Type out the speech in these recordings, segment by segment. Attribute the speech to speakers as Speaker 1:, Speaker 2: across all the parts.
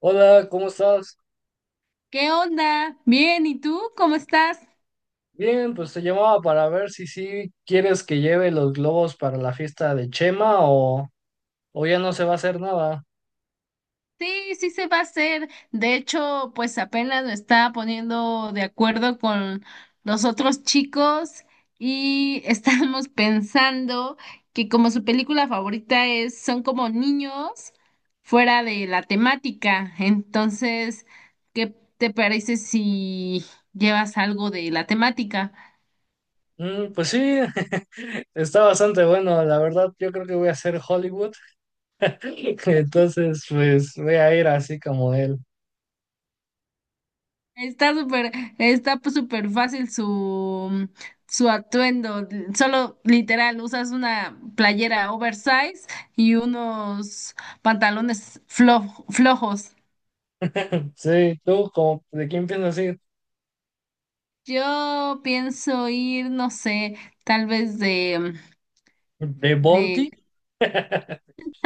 Speaker 1: Hola, ¿cómo estás?
Speaker 2: ¿Qué onda? Bien, ¿y tú cómo estás?
Speaker 1: Bien, pues te llamaba para ver si sí quieres que lleve los globos para la fiesta de Chema o ya no se va a hacer nada.
Speaker 2: Sí, sí se va a hacer. De hecho, pues apenas me estaba poniendo de acuerdo con los otros chicos y estábamos pensando que como su película favorita es, son como niños fuera de la temática. Entonces, ¿qué te parece si llevas algo de la temática?
Speaker 1: Mm, pues sí, está bastante bueno, la verdad yo creo que voy a hacer Hollywood, entonces pues voy a ir así como él.
Speaker 2: Está súper, está pues, súper fácil su atuendo. Solo literal, usas una playera oversize y unos pantalones flojos.
Speaker 1: Sí, ¿tú como, de quién piensas ir?
Speaker 2: Yo pienso ir, no sé, tal vez de,
Speaker 1: ¿De
Speaker 2: de...
Speaker 1: Bonti?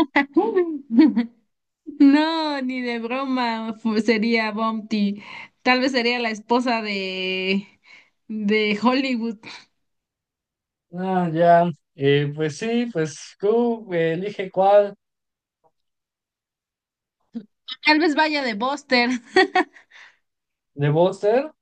Speaker 2: No, ni de broma sería Bumpty. Tal vez sería la esposa de Hollywood.
Speaker 1: Ah, ya. Pues sí, pues tú elige cuál
Speaker 2: Tal vez vaya de Buster.
Speaker 1: de Buster.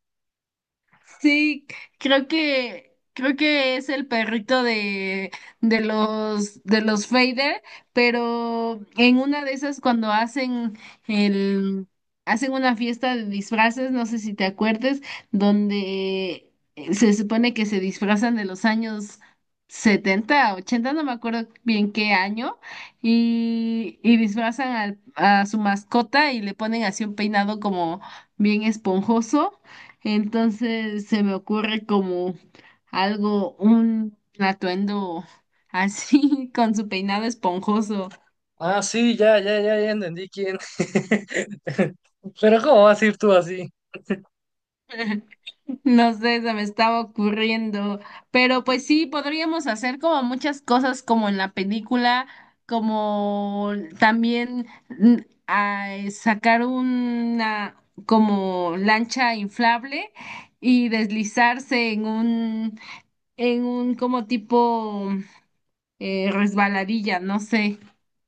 Speaker 2: Sí, creo que es el perrito de los Fader, pero en una de esas cuando hacen el hacen una fiesta de disfraces, no sé si te acuerdes, donde se supone que se disfrazan de los años 70 ochenta, no me acuerdo bien qué año, y disfrazan a su mascota y le ponen así un peinado como bien esponjoso. Entonces se me ocurre como algo, un atuendo así con su peinado esponjoso.
Speaker 1: Ah, sí, ya, ya, ya, ya entendí quién. Pero ¿cómo vas a ir tú así?
Speaker 2: No sé, se me estaba ocurriendo, pero pues sí, podríamos hacer como muchas cosas como en la película, como también sacar una como lancha inflable y deslizarse en un como tipo resbaladilla, no sé.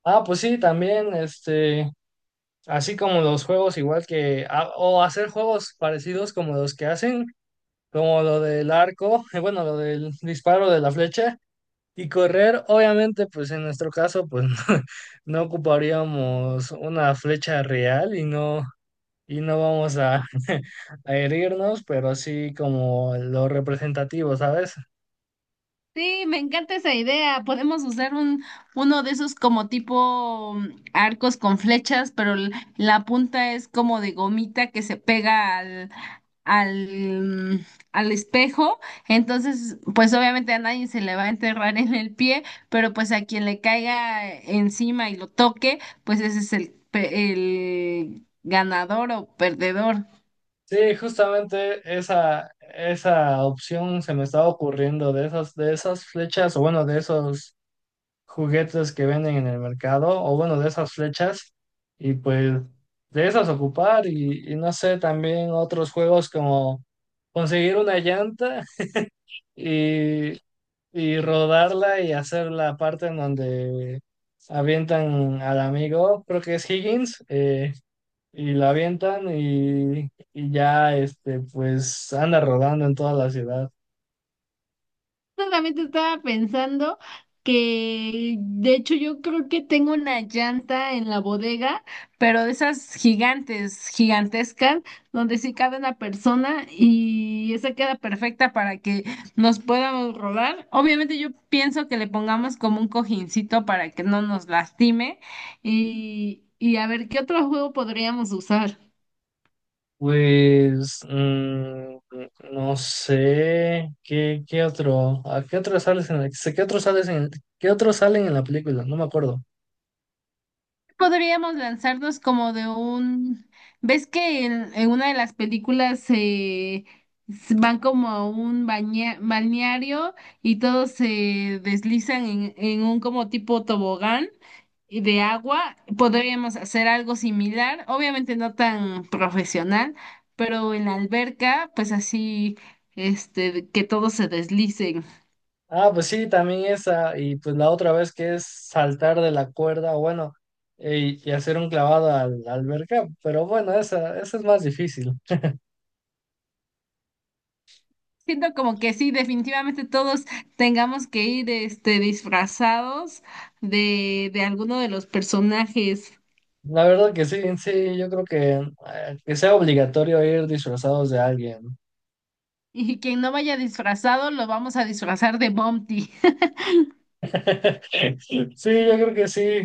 Speaker 1: Ah, pues sí, también, este, así como los juegos igual que, ah, o hacer juegos parecidos como los que hacen, como lo del arco, bueno, lo del disparo de la flecha y correr, obviamente, pues en nuestro caso, pues no, ocuparíamos una flecha real y no vamos a a herirnos, pero sí como lo representativo, ¿sabes?
Speaker 2: Sí, me encanta esa idea. Podemos usar uno de esos como tipo arcos con flechas, pero la punta es como de gomita que se pega al, mm, al espejo. Entonces, pues obviamente a nadie se le va a enterrar en el pie, pero pues a quien le caiga encima y lo toque, pues ese es el ganador o perdedor.
Speaker 1: Sí, justamente esa opción se me estaba ocurriendo de esas flechas, o bueno, de esos juguetes que venden en el mercado, o bueno, de esas flechas, y pues de esas ocupar, y no sé, también otros juegos como conseguir una llanta y, y rodarla y hacer la parte en donde avientan al amigo, creo que es Higgins, y la avientan y ya, este, pues anda rodando en toda la ciudad.
Speaker 2: Solamente estaba pensando que, de hecho, yo creo que tengo una llanta en la bodega, pero de esas gigantes, gigantescas, donde sí cabe una persona y esa queda perfecta para que nos podamos rodar. Obviamente yo pienso que le pongamos como un cojincito para que no nos lastime y a ver qué otro juego podríamos usar.
Speaker 1: Pues, mm, no sé, ¿qué otro? ¿A qué otro sales en qué otro sales qué otros salen en la película? No me acuerdo.
Speaker 2: Podríamos lanzarnos como de un. ¿Ves que en una de las películas van como a un balneario y todos se deslizan en un como tipo tobogán y de agua? Podríamos hacer algo similar, obviamente no tan profesional, pero en la alberca, pues así, este, que todos se deslicen.
Speaker 1: Ah, pues sí, también esa, y pues la otra vez que es saltar de la cuerda, bueno, y hacer un clavado la alberca, pero bueno, esa es más difícil.
Speaker 2: Siento como que sí, definitivamente todos tengamos que ir este, disfrazados de alguno de los personajes.
Speaker 1: La verdad que sí, sí, yo creo que sea obligatorio ir disfrazados de alguien.
Speaker 2: Y quien no vaya disfrazado, lo vamos a disfrazar de Bumpty.
Speaker 1: Sí, yo creo que sí.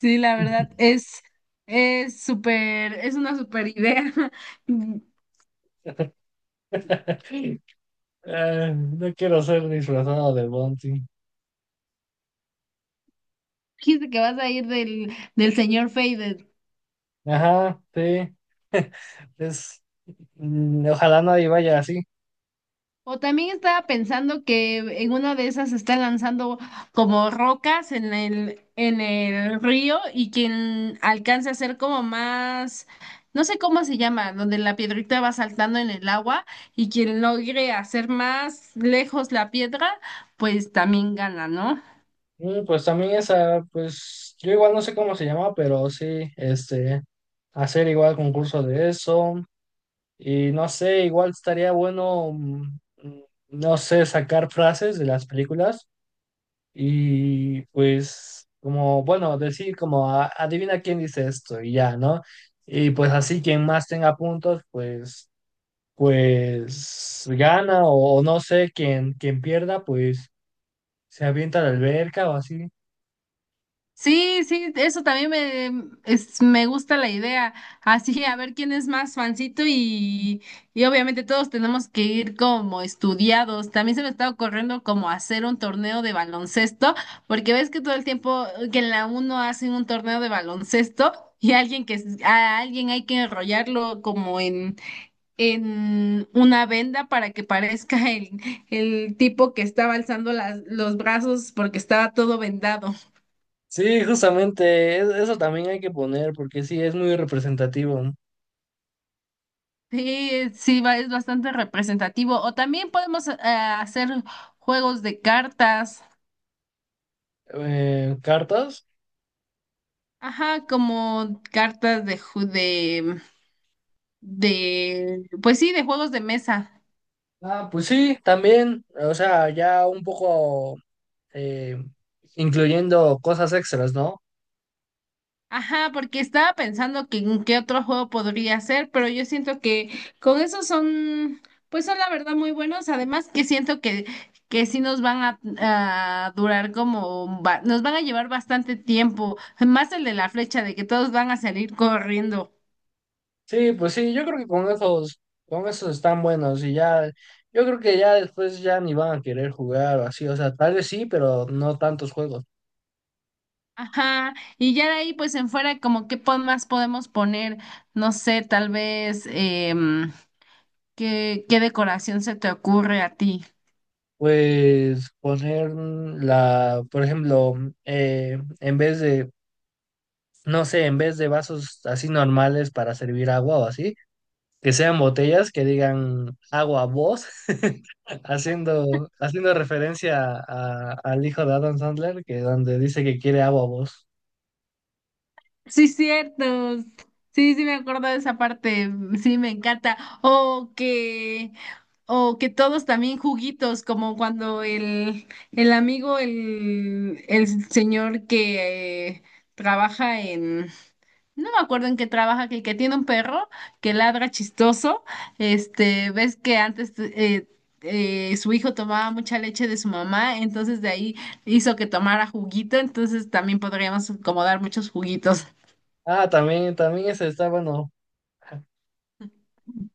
Speaker 2: Sí, la verdad, es súper, es una súper idea. Dijiste
Speaker 1: No quiero ser disfrazado de Bounty.
Speaker 2: que vas a ir del señor Fade.
Speaker 1: Ajá, sí. Es, mm, ojalá nadie vaya así.
Speaker 2: O también estaba pensando que en una de esas están lanzando como rocas en el río y quien alcance a ser como más, no sé cómo se llama, donde la piedrita va saltando en el agua y quien logre hacer más lejos la piedra, pues también gana, ¿no?
Speaker 1: Mm, pues también esa, pues yo igual no sé cómo se llama, pero sí, este, hacer igual concurso de eso. Y no sé, igual estaría bueno, mm, mm, no sé, sacar frases de las películas. Y pues, como, bueno, decir como, "A- adivina quién dice esto y ya, ¿no? Y pues así quien más tenga puntos, pues, pues gana o no sé, quien pierda, pues se avienta a la alberca o así.
Speaker 2: Sí, sí, eso también me gusta la idea. Así, a ver quién es más fancito y obviamente todos tenemos que ir como estudiados. También se me está ocurriendo como hacer un torneo de baloncesto, porque ves que todo el tiempo que en la uno hacen un torneo de baloncesto y alguien que a alguien hay que enrollarlo como en una venda para que parezca el tipo que estaba alzando las, los brazos porque estaba todo vendado.
Speaker 1: Sí, justamente, eso también hay que poner porque sí, es muy representativo.
Speaker 2: Sí, sí, es bastante representativo. O también podemos hacer juegos de cartas.
Speaker 1: ¿Cartas?
Speaker 2: Ajá, como cartas de, pues sí, de juegos de mesa.
Speaker 1: Ah, pues sí, también, o sea, ya un poco eh, incluyendo cosas extras, ¿no?
Speaker 2: Ajá, porque estaba pensando que en qué otro juego podría ser, pero yo siento que con esos son, pues son la verdad muy buenos. Además que siento que sí nos van a durar como, nos van a llevar bastante tiempo. Más el de la flecha, de que todos van a salir corriendo.
Speaker 1: Sí, pues sí, yo creo que con esos están buenos y ya, yo creo que ya después ya ni van a querer jugar o así, o sea, tal vez sí, pero no tantos juegos.
Speaker 2: Ajá, y ya de ahí pues en fuera como qué más podemos poner, no sé, tal vez qué decoración se te ocurre a ti.
Speaker 1: Pues poner la, por ejemplo, eh, en vez de, no sé, en vez de vasos así normales para servir agua o así, que sean botellas que digan agua voz, haciendo, haciendo referencia al hijo de Adam Sandler, que donde dice que quiere agua voz.
Speaker 2: Sí, cierto. Sí, sí me acuerdo de esa parte, sí me encanta. O que, o que todos también juguitos, como cuando el amigo, el señor que trabaja. No me acuerdo en qué trabaja, que, el que tiene un perro que ladra chistoso. Este, ves que antes su hijo tomaba mucha leche de su mamá, entonces de ahí hizo que tomara juguito, entonces también podríamos como dar muchos juguitos.
Speaker 1: Ah, también, también ese está bueno.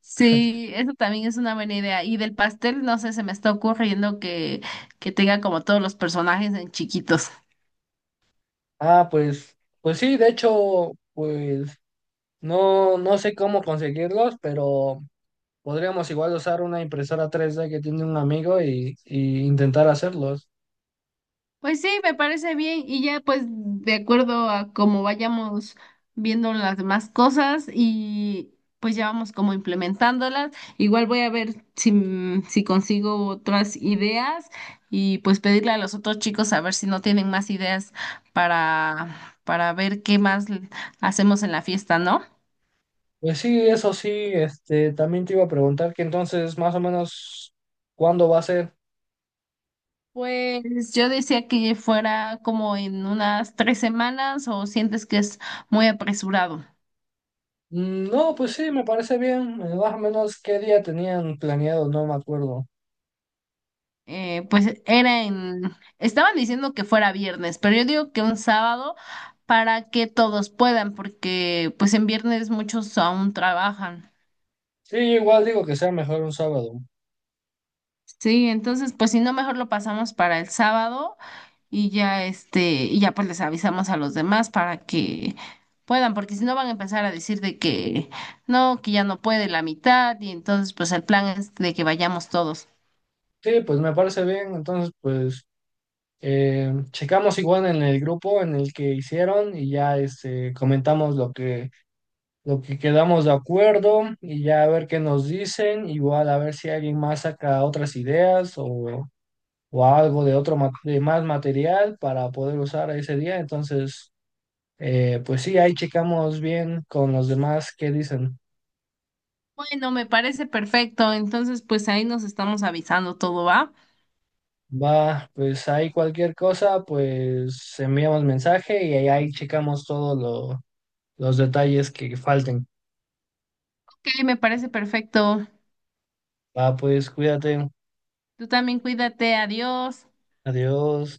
Speaker 2: Sí, eso también es una buena idea. Y del pastel, no sé, se me está ocurriendo que tenga como todos los personajes en chiquitos.
Speaker 1: Ah, pues, pues sí, de hecho, pues no, no sé cómo conseguirlos, pero podríamos igual usar una impresora 3D que tiene un amigo y intentar hacerlos.
Speaker 2: Pues sí, me parece bien y ya pues de acuerdo a cómo vayamos viendo las demás cosas y pues ya vamos como implementándolas. Igual voy a ver si consigo otras ideas y pues pedirle a los otros chicos a ver si no tienen más ideas para, para ver qué más hacemos en la fiesta, ¿no?
Speaker 1: Pues sí, eso sí, este, también te iba a preguntar que entonces más o menos cuándo va a ser.
Speaker 2: Pues yo decía que fuera como en unas 3 semanas o sientes que es muy apresurado.
Speaker 1: Mm, no, pues sí, me parece bien. Más o menos qué día tenían planeado, no me acuerdo.
Speaker 2: Pues estaban diciendo que fuera viernes, pero yo digo que un sábado para que todos puedan, porque pues en viernes muchos aún trabajan.
Speaker 1: Sí, igual digo que sea mejor un sábado.
Speaker 2: Sí, entonces pues si no, mejor lo pasamos para el sábado y ya pues les avisamos a los demás para que puedan, porque si no van a empezar a decir de que no, que ya no puede la mitad y entonces pues el plan es de que vayamos todos.
Speaker 1: Sí, pues me parece bien. Entonces, pues checamos igual en el grupo en el que hicieron y ya este, comentamos lo lo que quedamos de acuerdo y ya a ver qué nos dicen, igual a ver si alguien más saca otras ideas o algo de otro de más material para poder usar ese día. Entonces, pues sí, ahí checamos bien con los demás qué dicen.
Speaker 2: Bueno, me parece perfecto, entonces pues ahí nos estamos avisando todo, ¿va?
Speaker 1: Va, pues ahí cualquier cosa, pues enviamos mensaje y ahí checamos todos los detalles que falten.
Speaker 2: Ok, me parece perfecto.
Speaker 1: Va, pues cuídate.
Speaker 2: Tú también cuídate, adiós.
Speaker 1: Adiós.